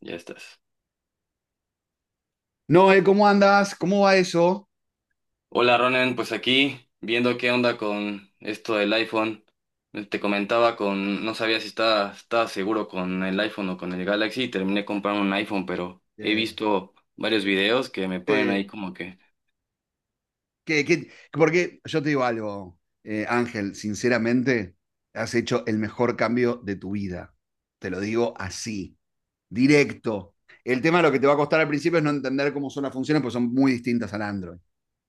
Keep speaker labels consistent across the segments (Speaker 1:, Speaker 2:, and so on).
Speaker 1: Ya estás.
Speaker 2: Noé, ¿cómo andas? ¿Cómo va eso?
Speaker 1: Hola Ronen, pues aquí viendo qué onda con esto del iPhone. Te comentaba con, no sabía si estaba seguro con el iPhone o con el Galaxy y terminé comprando un iPhone, pero he
Speaker 2: Eh,
Speaker 1: visto varios videos que me ponen
Speaker 2: eh,
Speaker 1: ahí como que,
Speaker 2: porque yo te digo algo, Ángel, sinceramente, has hecho el mejor cambio de tu vida. Te lo digo así, directo. El tema de lo que te va a costar al principio es no entender cómo son las funciones, porque son muy distintas al Android.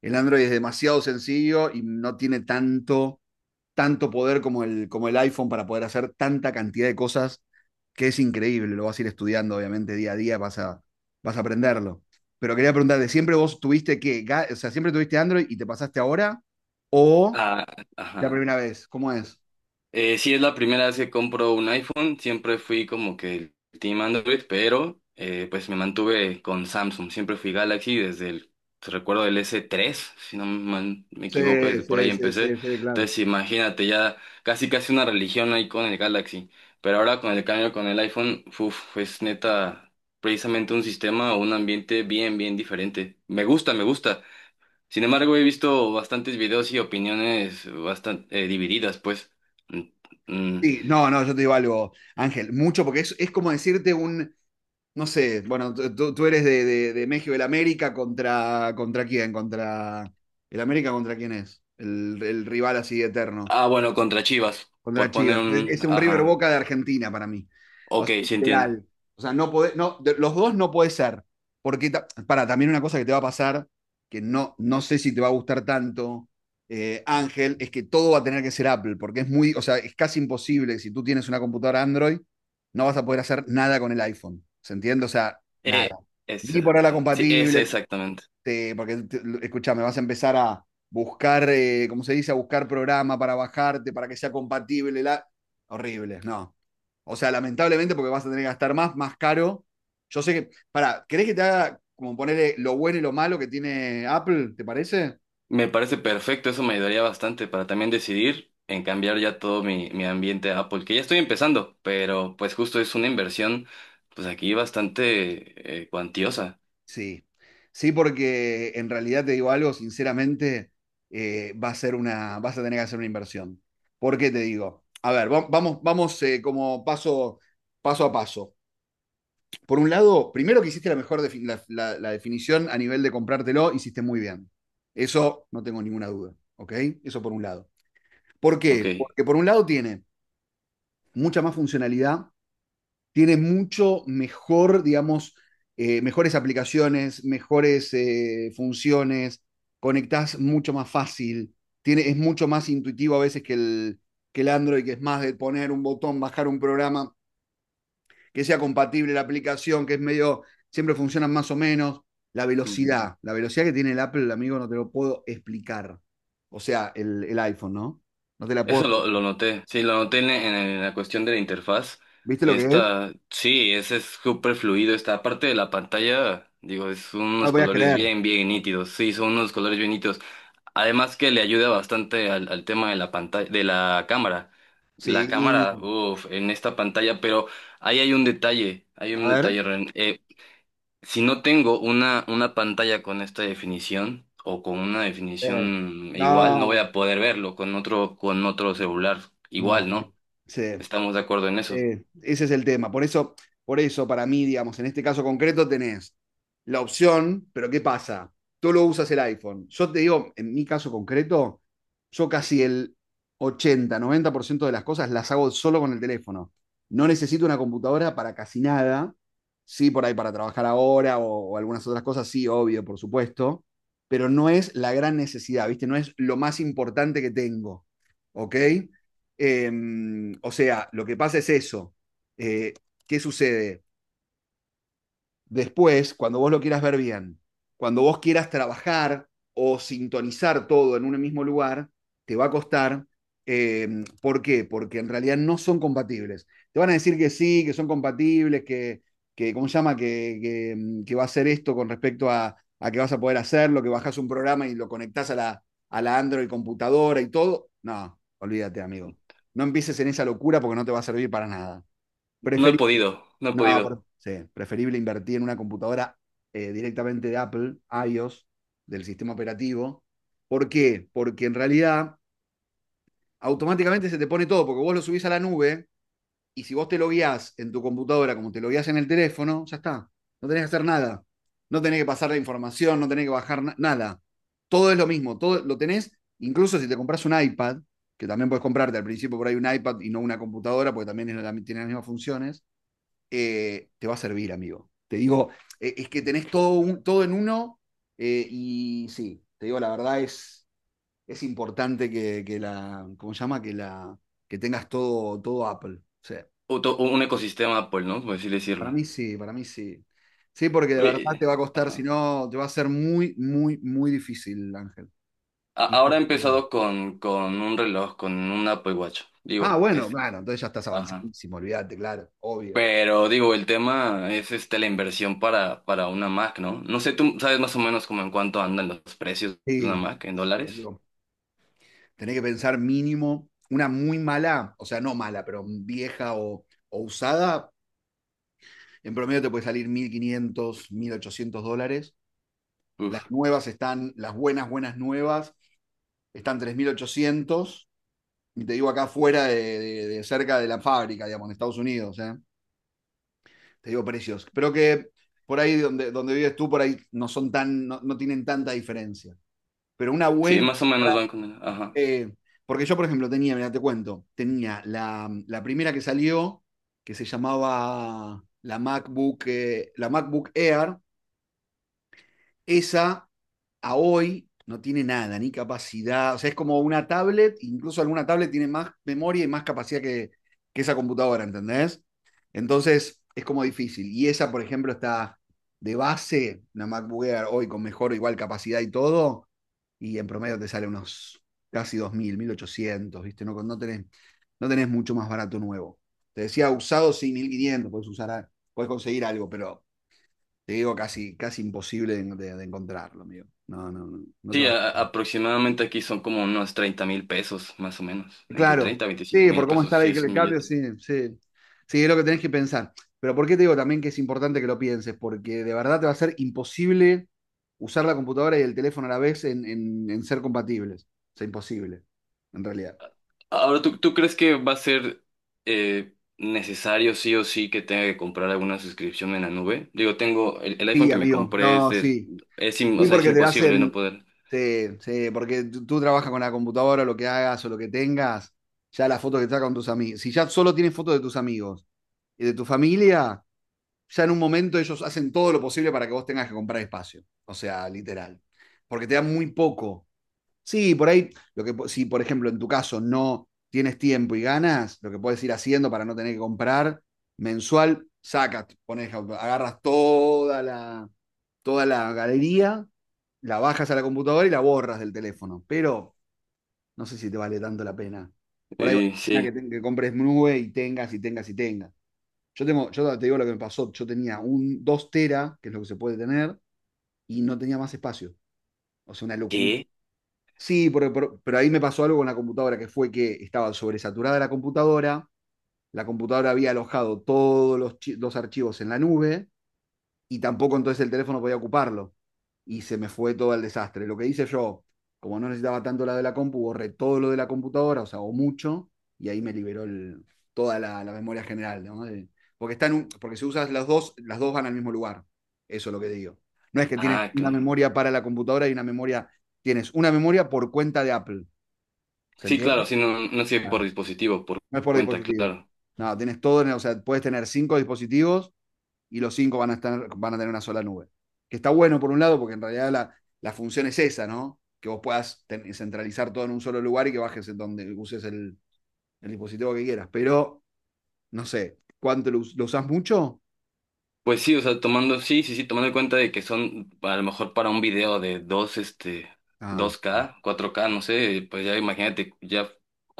Speaker 2: El Android es demasiado sencillo y no tiene tanto poder como el iPhone para poder hacer tanta cantidad de cosas que es increíble, lo vas a ir estudiando obviamente día a día, vas a aprenderlo. Pero quería preguntarte, ¿siempre vos tuviste que, o sea, siempre tuviste Android y te pasaste ahora o
Speaker 1: ah,
Speaker 2: la
Speaker 1: ajá.
Speaker 2: primera vez? ¿Cómo es?
Speaker 1: Sí, es la primera vez que compro un iPhone. Siempre fui como que el team Android, pero pues me mantuve con Samsung. Siempre fui Galaxy desde el, recuerdo del S3, si no mal me
Speaker 2: Sí,
Speaker 1: equivoco, desde por ahí
Speaker 2: sí, sí,
Speaker 1: empecé.
Speaker 2: sí, sí, claro.
Speaker 1: Entonces imagínate, ya casi casi una religión ahí con el Galaxy. Pero ahora con el cambio con el iPhone, uf, es neta precisamente un sistema o un ambiente bien, bien diferente. Me gusta, me gusta. Sin embargo, he visto bastantes videos y opiniones bastante divididas, pues. Mm, mm.
Speaker 2: Sí, no, no, yo te digo algo, Ángel, mucho, porque es como decirte un, no sé, bueno, tú eres de, México, el América contra quién, contra, el América contra quién es, el rival así eterno.
Speaker 1: Ah, bueno, contra Chivas,
Speaker 2: Contra
Speaker 1: por poner
Speaker 2: Chivas. Es,
Speaker 1: un...
Speaker 2: es un River
Speaker 1: ajá.
Speaker 2: Boca de Argentina para mí. O
Speaker 1: Ok,
Speaker 2: sea,
Speaker 1: sí entiendo.
Speaker 2: literal. O sea, no podés, no, los dos no puede ser. Porque, para, también una cosa que te va a pasar, que no, no sé si te va a gustar tanto, Ángel, es que todo va a tener que ser Apple, porque es muy, o sea, es casi imposible, si tú tienes una computadora Android, no vas a poder hacer nada con el iPhone. ¿Se entiende? O sea,
Speaker 1: Eh,
Speaker 2: nada.
Speaker 1: es
Speaker 2: Ni por la
Speaker 1: exacta- sí, ese
Speaker 2: compatible,
Speaker 1: exactamente.
Speaker 2: escuchame, vas a empezar a buscar, ¿cómo se dice? A buscar programa para bajarte, para que sea compatible. La. Horrible, no. O sea, lamentablemente porque vas a tener que gastar más caro. Yo sé que, para, ¿querés que te haga como ponerle lo bueno y lo malo que tiene Apple? ¿Te parece?
Speaker 1: Me parece perfecto, eso me ayudaría bastante para también decidir en cambiar ya todo mi ambiente a Apple, que ya estoy empezando, pero pues justo es una inversión, pues aquí bastante cuantiosa.
Speaker 2: Sí, sí, porque en realidad te digo algo, sinceramente, va a ser una, vas a tener que hacer una inversión. ¿Por qué te digo? A ver, vamos como paso a paso. Por un lado, primero que hiciste la mejor la definición a nivel de comprártelo, hiciste muy bien. Eso no tengo ninguna duda, ¿ok? Eso por un lado. ¿Por
Speaker 1: Ok.
Speaker 2: qué? Porque por un lado tiene mucha más funcionalidad, tiene mucho mejor, digamos, mejores aplicaciones, mejores funciones, conectás mucho más fácil, tiene, es mucho más intuitivo a veces que que el Android, que es más de poner un botón, bajar un programa que sea compatible la aplicación, que es medio, siempre funcionan más o menos. La velocidad que tiene el Apple, amigo, no te lo puedo explicar. O sea, el iPhone, ¿no? No te la puedo
Speaker 1: Eso lo
Speaker 2: explicar.
Speaker 1: noté, sí, lo noté en la cuestión de la interfaz.
Speaker 2: ¿Viste lo que es?
Speaker 1: Esta, sí, ese es súper fluido. Esta parte de la pantalla, digo, es
Speaker 2: No lo
Speaker 1: unos
Speaker 2: podías
Speaker 1: colores
Speaker 2: creer.
Speaker 1: bien, bien nítidos. Sí, son unos colores bien nítidos. Además que le ayuda bastante al, al tema de la pantalla, de la cámara. La
Speaker 2: Sí,
Speaker 1: cámara, uff, en esta pantalla, pero ahí hay un
Speaker 2: a ver.
Speaker 1: detalle, Ren. Si no tengo una pantalla con esta definición o con una
Speaker 2: Eh,
Speaker 1: definición igual, no voy
Speaker 2: No,
Speaker 1: a poder verlo con otro celular
Speaker 2: no.
Speaker 1: igual, ¿no?
Speaker 2: Sí.
Speaker 1: Estamos de acuerdo en eso.
Speaker 2: Ese es el tema. Por eso, para mí, digamos, en este caso concreto tenés la opción, pero ¿qué pasa? Tú lo usas el iPhone. Yo te digo, en mi caso concreto, yo casi el 80 90% de las cosas las hago solo con el teléfono. No necesito una computadora para casi nada. Sí, por ahí para trabajar ahora o algunas otras cosas, sí, obvio, por supuesto. Pero no es la gran necesidad, ¿viste? No es lo más importante que tengo. ¿Ok? Eh, o sea, lo que pasa es eso. Eh, ¿Qué sucede? Después, cuando vos lo quieras ver bien, cuando vos quieras trabajar o sintonizar todo en un mismo lugar, te va a costar. ¿Por qué? Porque en realidad no son compatibles. Te van a decir que sí, que son compatibles, que ¿cómo se llama? Que va a hacer esto con respecto a, que vas a poder hacerlo, que bajas un programa y lo conectás a la Android computadora y todo. No, olvídate, amigo. No empieces en esa locura porque no te va a servir para nada.
Speaker 1: No he
Speaker 2: Preferís
Speaker 1: podido, no he
Speaker 2: no,
Speaker 1: podido.
Speaker 2: sí, preferible invertir en una computadora directamente de Apple, iOS, del sistema operativo. ¿Por qué? Porque en realidad automáticamente se te pone todo, porque vos lo subís a la nube y si vos te lo guías en tu computadora como te lo guías en el teléfono, ya está. No tenés que hacer nada. No tenés que pasar la información, no tenés que bajar nada. Todo es lo mismo, todo lo tenés, incluso si te compras un iPad, que también puedes comprarte al principio por ahí un iPad y no una computadora, porque también es la- tiene las mismas funciones te va a servir, amigo. Te digo, es que tenés todo, todo en uno y sí, te digo, la verdad es importante que la, ¿cómo se llama? Que tengas todo, todo Apple. O sea,
Speaker 1: Otro- un ecosistema Apple, ¿no? Por así
Speaker 2: para
Speaker 1: decirlo.
Speaker 2: mí sí, para mí sí. Sí, porque de verdad
Speaker 1: Eh,
Speaker 2: te va a costar, si
Speaker 1: ajá.
Speaker 2: no, te va a ser muy, muy, muy difícil, Ángel.
Speaker 1: A- ahora he
Speaker 2: Imposible.
Speaker 1: empezado con un reloj, con un Apple Watch.
Speaker 2: Ah,
Speaker 1: Digo,
Speaker 2: bueno,
Speaker 1: es,
Speaker 2: claro, entonces ya estás
Speaker 1: ajá.
Speaker 2: avanzadísimo, olvídate, claro, obvio.
Speaker 1: Pero digo, el tema es este, la inversión para una Mac, ¿no? No sé, tú sabes más o menos como en cuánto andan los precios de
Speaker 2: Sí,
Speaker 1: una Mac en
Speaker 2: sí,
Speaker 1: dólares.
Speaker 2: amigo, tenés que pensar mínimo una muy mala, o sea, no mala, pero vieja o usada, en promedio te puede salir 1.500, 1.800 dólares. Las
Speaker 1: Uf.
Speaker 2: nuevas están, las buenas, buenas nuevas, están 3.800. Y te digo acá afuera de, cerca de la fábrica, digamos, en Estados Unidos. ¿Eh? Te digo precios. Pero que por ahí donde, donde vives tú, por ahí no son tan, no, no tienen tanta diferencia. Pero una
Speaker 1: Sí,
Speaker 2: buena,
Speaker 1: más o menos van con el... ajá.
Speaker 2: Eh, porque yo, por ejemplo, tenía, mira, te cuento, tenía la primera que salió, que se llamaba la MacBook Air, esa a hoy no tiene nada, ni capacidad. O sea, es como una tablet, incluso alguna tablet tiene más memoria y más capacidad que esa computadora, ¿entendés? Entonces, es como difícil. Y esa, por ejemplo, está de base, una MacBook Air hoy con mejor o igual capacidad y todo, y en promedio te sale unos casi 2.000 1.800, ¿viste? No, no, tenés, no tenés mucho más barato nuevo. Te decía usado, sí, 1.500 puedes usar, puedes conseguir algo, pero te digo, casi, casi imposible de, de encontrarlo, amigo. No, no, no, no te
Speaker 1: Sí,
Speaker 2: va.
Speaker 1: a- aproximadamente aquí son como unos 30 mil pesos, más o menos. Entre
Speaker 2: Claro,
Speaker 1: 30 a 25
Speaker 2: sí,
Speaker 1: mil
Speaker 2: por cómo
Speaker 1: pesos,
Speaker 2: está
Speaker 1: sí,
Speaker 2: ahí que
Speaker 1: es
Speaker 2: le
Speaker 1: un
Speaker 2: cambio,
Speaker 1: billete.
Speaker 2: sí, sí. Sí, es lo que tenés que pensar. Pero ¿por qué te digo también que es importante que lo pienses? Porque de verdad te va a ser imposible usar la computadora y el teléfono a la vez en, en ser compatibles. O sea, imposible, en realidad.
Speaker 1: Ahora, ¿tú, tú crees que va a ser necesario sí o sí que tenga que comprar alguna suscripción en la nube? Digo, tengo el iPhone
Speaker 2: Sí,
Speaker 1: que me
Speaker 2: amigo,
Speaker 1: compré, es
Speaker 2: no,
Speaker 1: de...
Speaker 2: sí.
Speaker 1: Es, im- o
Speaker 2: Sí,
Speaker 1: sea, es
Speaker 2: porque te
Speaker 1: imposible no
Speaker 2: hacen.
Speaker 1: poder.
Speaker 2: Sí, sí, porque tú trabajas con la computadora, lo que hagas o lo que tengas, ya la foto que estás con tus amigos. Si ya solo tienes fotos de tus amigos y de tu familia, ya en un momento ellos hacen todo lo posible para que vos tengas que comprar espacio. O sea, literal. Porque te dan muy poco. Sí, por ahí, lo que, si por ejemplo en tu caso no tienes tiempo y ganas, lo que puedes ir haciendo para no tener que comprar mensual, sacas, pones, agarras toda la galería, la bajas a la computadora y la borras del teléfono. Pero no sé si te vale tanto la pena. Por ahí vale la
Speaker 1: Sí.
Speaker 2: pena que, que compres nube y tengas y tengas y tengas. Yo, tengo, yo te digo lo que me pasó. Yo tenía un 2 TB, que es lo que se puede tener, y no tenía más espacio. O sea, una locura.
Speaker 1: ¿Qué?
Speaker 2: Sí, pero ahí me pasó algo con la computadora, que fue que estaba sobresaturada la computadora había alojado todos los archivos en la nube, y tampoco entonces el teléfono podía ocuparlo. Y se me fue todo el desastre. Lo que hice yo, como no necesitaba tanto la de la compu, borré todo lo de la computadora, o sea, o mucho, y ahí me liberó el, toda la memoria general, ¿no? De, porque, están un, porque si usas las dos van al mismo lugar. Eso es lo que digo. No es que tienes
Speaker 1: Ah,
Speaker 2: una
Speaker 1: claro.
Speaker 2: memoria para la computadora y una memoria, tienes una memoria por cuenta de Apple. ¿Se
Speaker 1: Sí,
Speaker 2: entiende?
Speaker 1: claro, sí, no, no sirve por dispositivo, por
Speaker 2: No es por
Speaker 1: cuenta,
Speaker 2: dispositivo.
Speaker 1: claro.
Speaker 2: No, tienes todo, o sea, puedes tener cinco dispositivos y los cinco van a, van a tener una sola nube. Que está bueno por un lado, porque en realidad la función es esa, ¿no? Que vos puedas centralizar todo en un solo lugar y que bajes donde uses el dispositivo que quieras. Pero, no sé, ¿cuánto lo usás mucho?
Speaker 1: Pues sí, o sea, tomando, sí, sí, sí, tomando en cuenta de que son a lo mejor para un video de dos, este,
Speaker 2: Ah,
Speaker 1: dos
Speaker 2: no,
Speaker 1: k cuatro k no sé, pues ya imagínate ya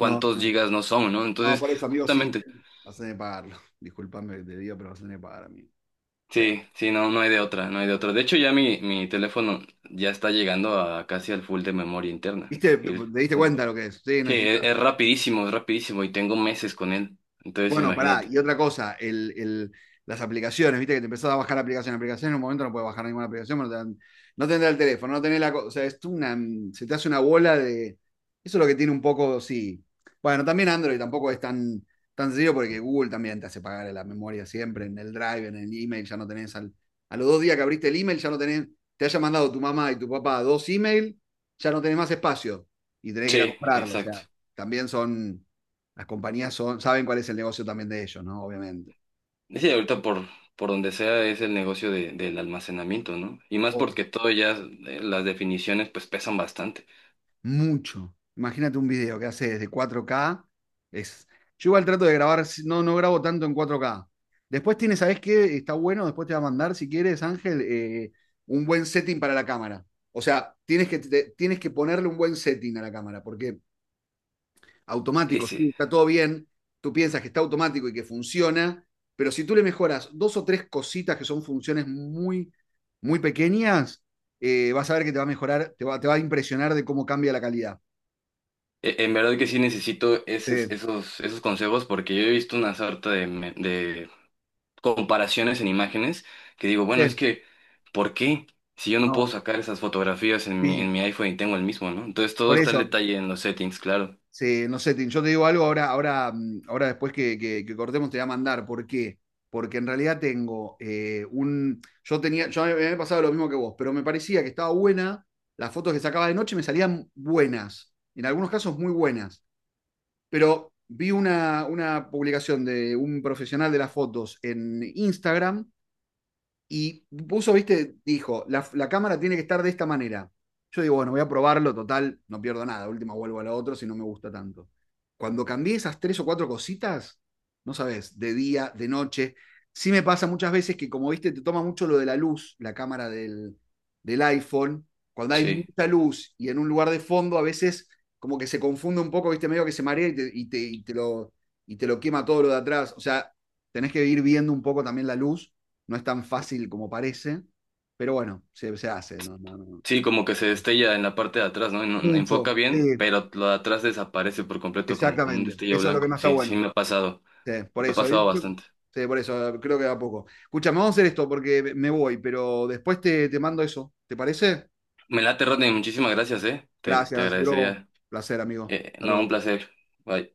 Speaker 2: no. No,
Speaker 1: gigas no son, ¿no?
Speaker 2: ah,
Speaker 1: Entonces,
Speaker 2: por eso, amigo, sí.
Speaker 1: justamente,
Speaker 2: Vas a tener que pagarlo. Disculpame que te digo, pero vas a tener que pagar, amigo. O sea,
Speaker 1: sí, sí, no, no hay de otra, no hay de otra. De hecho, ya mi teléfono ya está llegando a casi al full de memoria interna.
Speaker 2: ¿viste? ¿Te
Speaker 1: Y es-
Speaker 2: diste cuenta lo que es? Sí,
Speaker 1: sí,
Speaker 2: necesitas.
Speaker 1: es rapidísimo y tengo meses con él. Entonces,
Speaker 2: Bueno, pará,
Speaker 1: imagínate.
Speaker 2: y otra cosa, las aplicaciones, viste que te empezás a bajar aplicaciones, aplicaciones en un momento no puedes bajar ninguna aplicación, no, no tendrá el teléfono, no tenés la cosa, o sea, es una, se te hace una bola de. Eso es lo que tiene un poco, sí. Bueno, también Android tampoco es tan, tan sencillo porque Google también te hace pagar la memoria siempre, en el Drive, en el email, ya no tenés, a los 2 días que abriste el email, ya no tenés, te haya mandado tu mamá y tu papá dos email, ya no tenés más espacio y tenés que ir a
Speaker 1: Sí,
Speaker 2: comprarlo, o
Speaker 1: exacto.
Speaker 2: sea, también son las compañías son, saben cuál es el negocio también de ellos, ¿no? Obviamente.
Speaker 1: Sí, ahorita por donde sea es el negocio de, del almacenamiento, ¿no? Y más
Speaker 2: Oh.
Speaker 1: porque todo ya, las definiciones pues pesan bastante.
Speaker 2: Mucho. Imagínate un video que hace desde 4K. Es. Yo igual trato de grabar, si, no, no grabo tanto en 4K. Después tienes, ¿sabes qué? Está bueno, después te va a mandar, si quieres, Ángel, un buen setting para la cámara. O sea, tienes que, tienes que ponerle un buen setting a la cámara, porque automático, sí,
Speaker 1: Ese,
Speaker 2: está todo bien, tú piensas que está automático y que funciona, pero si tú le mejoras dos o tres cositas que son funciones muy, muy pequeñas, vas a ver que te va a mejorar, te va a impresionar de cómo cambia la calidad.
Speaker 1: e- en verdad que sí necesito
Speaker 2: Sí,
Speaker 1: esos, esos, esos consejos porque yo he visto una sarta de, me- de comparaciones en imágenes que digo, bueno, es
Speaker 2: sí,
Speaker 1: que, ¿por qué? Si yo no puedo
Speaker 2: no,
Speaker 1: sacar esas fotografías en
Speaker 2: sí,
Speaker 1: mi iPhone y tengo el mismo, ¿no? Entonces todo
Speaker 2: por
Speaker 1: está el
Speaker 2: eso.
Speaker 1: detalle en los settings, claro.
Speaker 2: Sí, no sé, Tim, yo te digo algo ahora, ahora después que, que cortemos te voy a mandar. ¿Por qué? Porque en realidad tengo un. Yo tenía, yo me había pasado lo mismo que vos, pero me parecía que estaba buena. Las fotos que sacaba de noche me salían buenas. En algunos casos muy buenas. Pero vi una publicación de un profesional de las fotos en Instagram y puso, viste, dijo, la cámara tiene que estar de esta manera. Yo digo, bueno, voy a probarlo, total, no pierdo nada. Última vuelvo a la otra si no me gusta tanto. Cuando cambié esas tres o cuatro cositas, no sabes, de día, de noche. Sí me pasa muchas veces que, como viste, te toma mucho lo de la luz, la cámara del iPhone. Cuando hay
Speaker 1: Sí.
Speaker 2: mucha luz y en un lugar de fondo, a veces como que se confunde un poco, viste, medio que se marea y te lo quema todo lo de atrás. O sea, tenés que ir viendo un poco también la luz. No es tan fácil como parece, pero bueno, se hace. No, no, no,
Speaker 1: Sí, como que se
Speaker 2: no.
Speaker 1: destella en la parte de atrás, ¿no? En-
Speaker 2: Mucho,
Speaker 1: enfoca bien,
Speaker 2: sí,
Speaker 1: pero lo de atrás desaparece por completo, como, como un
Speaker 2: exactamente.
Speaker 1: destello
Speaker 2: Eso es lo que
Speaker 1: blanco.
Speaker 2: más está
Speaker 1: Sí, sí,
Speaker 2: bueno.
Speaker 1: me ha pasado.
Speaker 2: Sí, por
Speaker 1: Me ha
Speaker 2: eso, ¿eh?
Speaker 1: pasado bastante.
Speaker 2: Sí, por eso, creo que da poco. Escúchame, vamos a hacer esto porque me voy, pero después te mando eso. ¿Te parece?
Speaker 1: Me late, Rodney. Muchísimas gracias, ¿eh? Te
Speaker 2: Gracias, bro.
Speaker 1: agradecería.
Speaker 2: Placer, amigo. Hasta
Speaker 1: No, un
Speaker 2: luego.
Speaker 1: placer. Bye.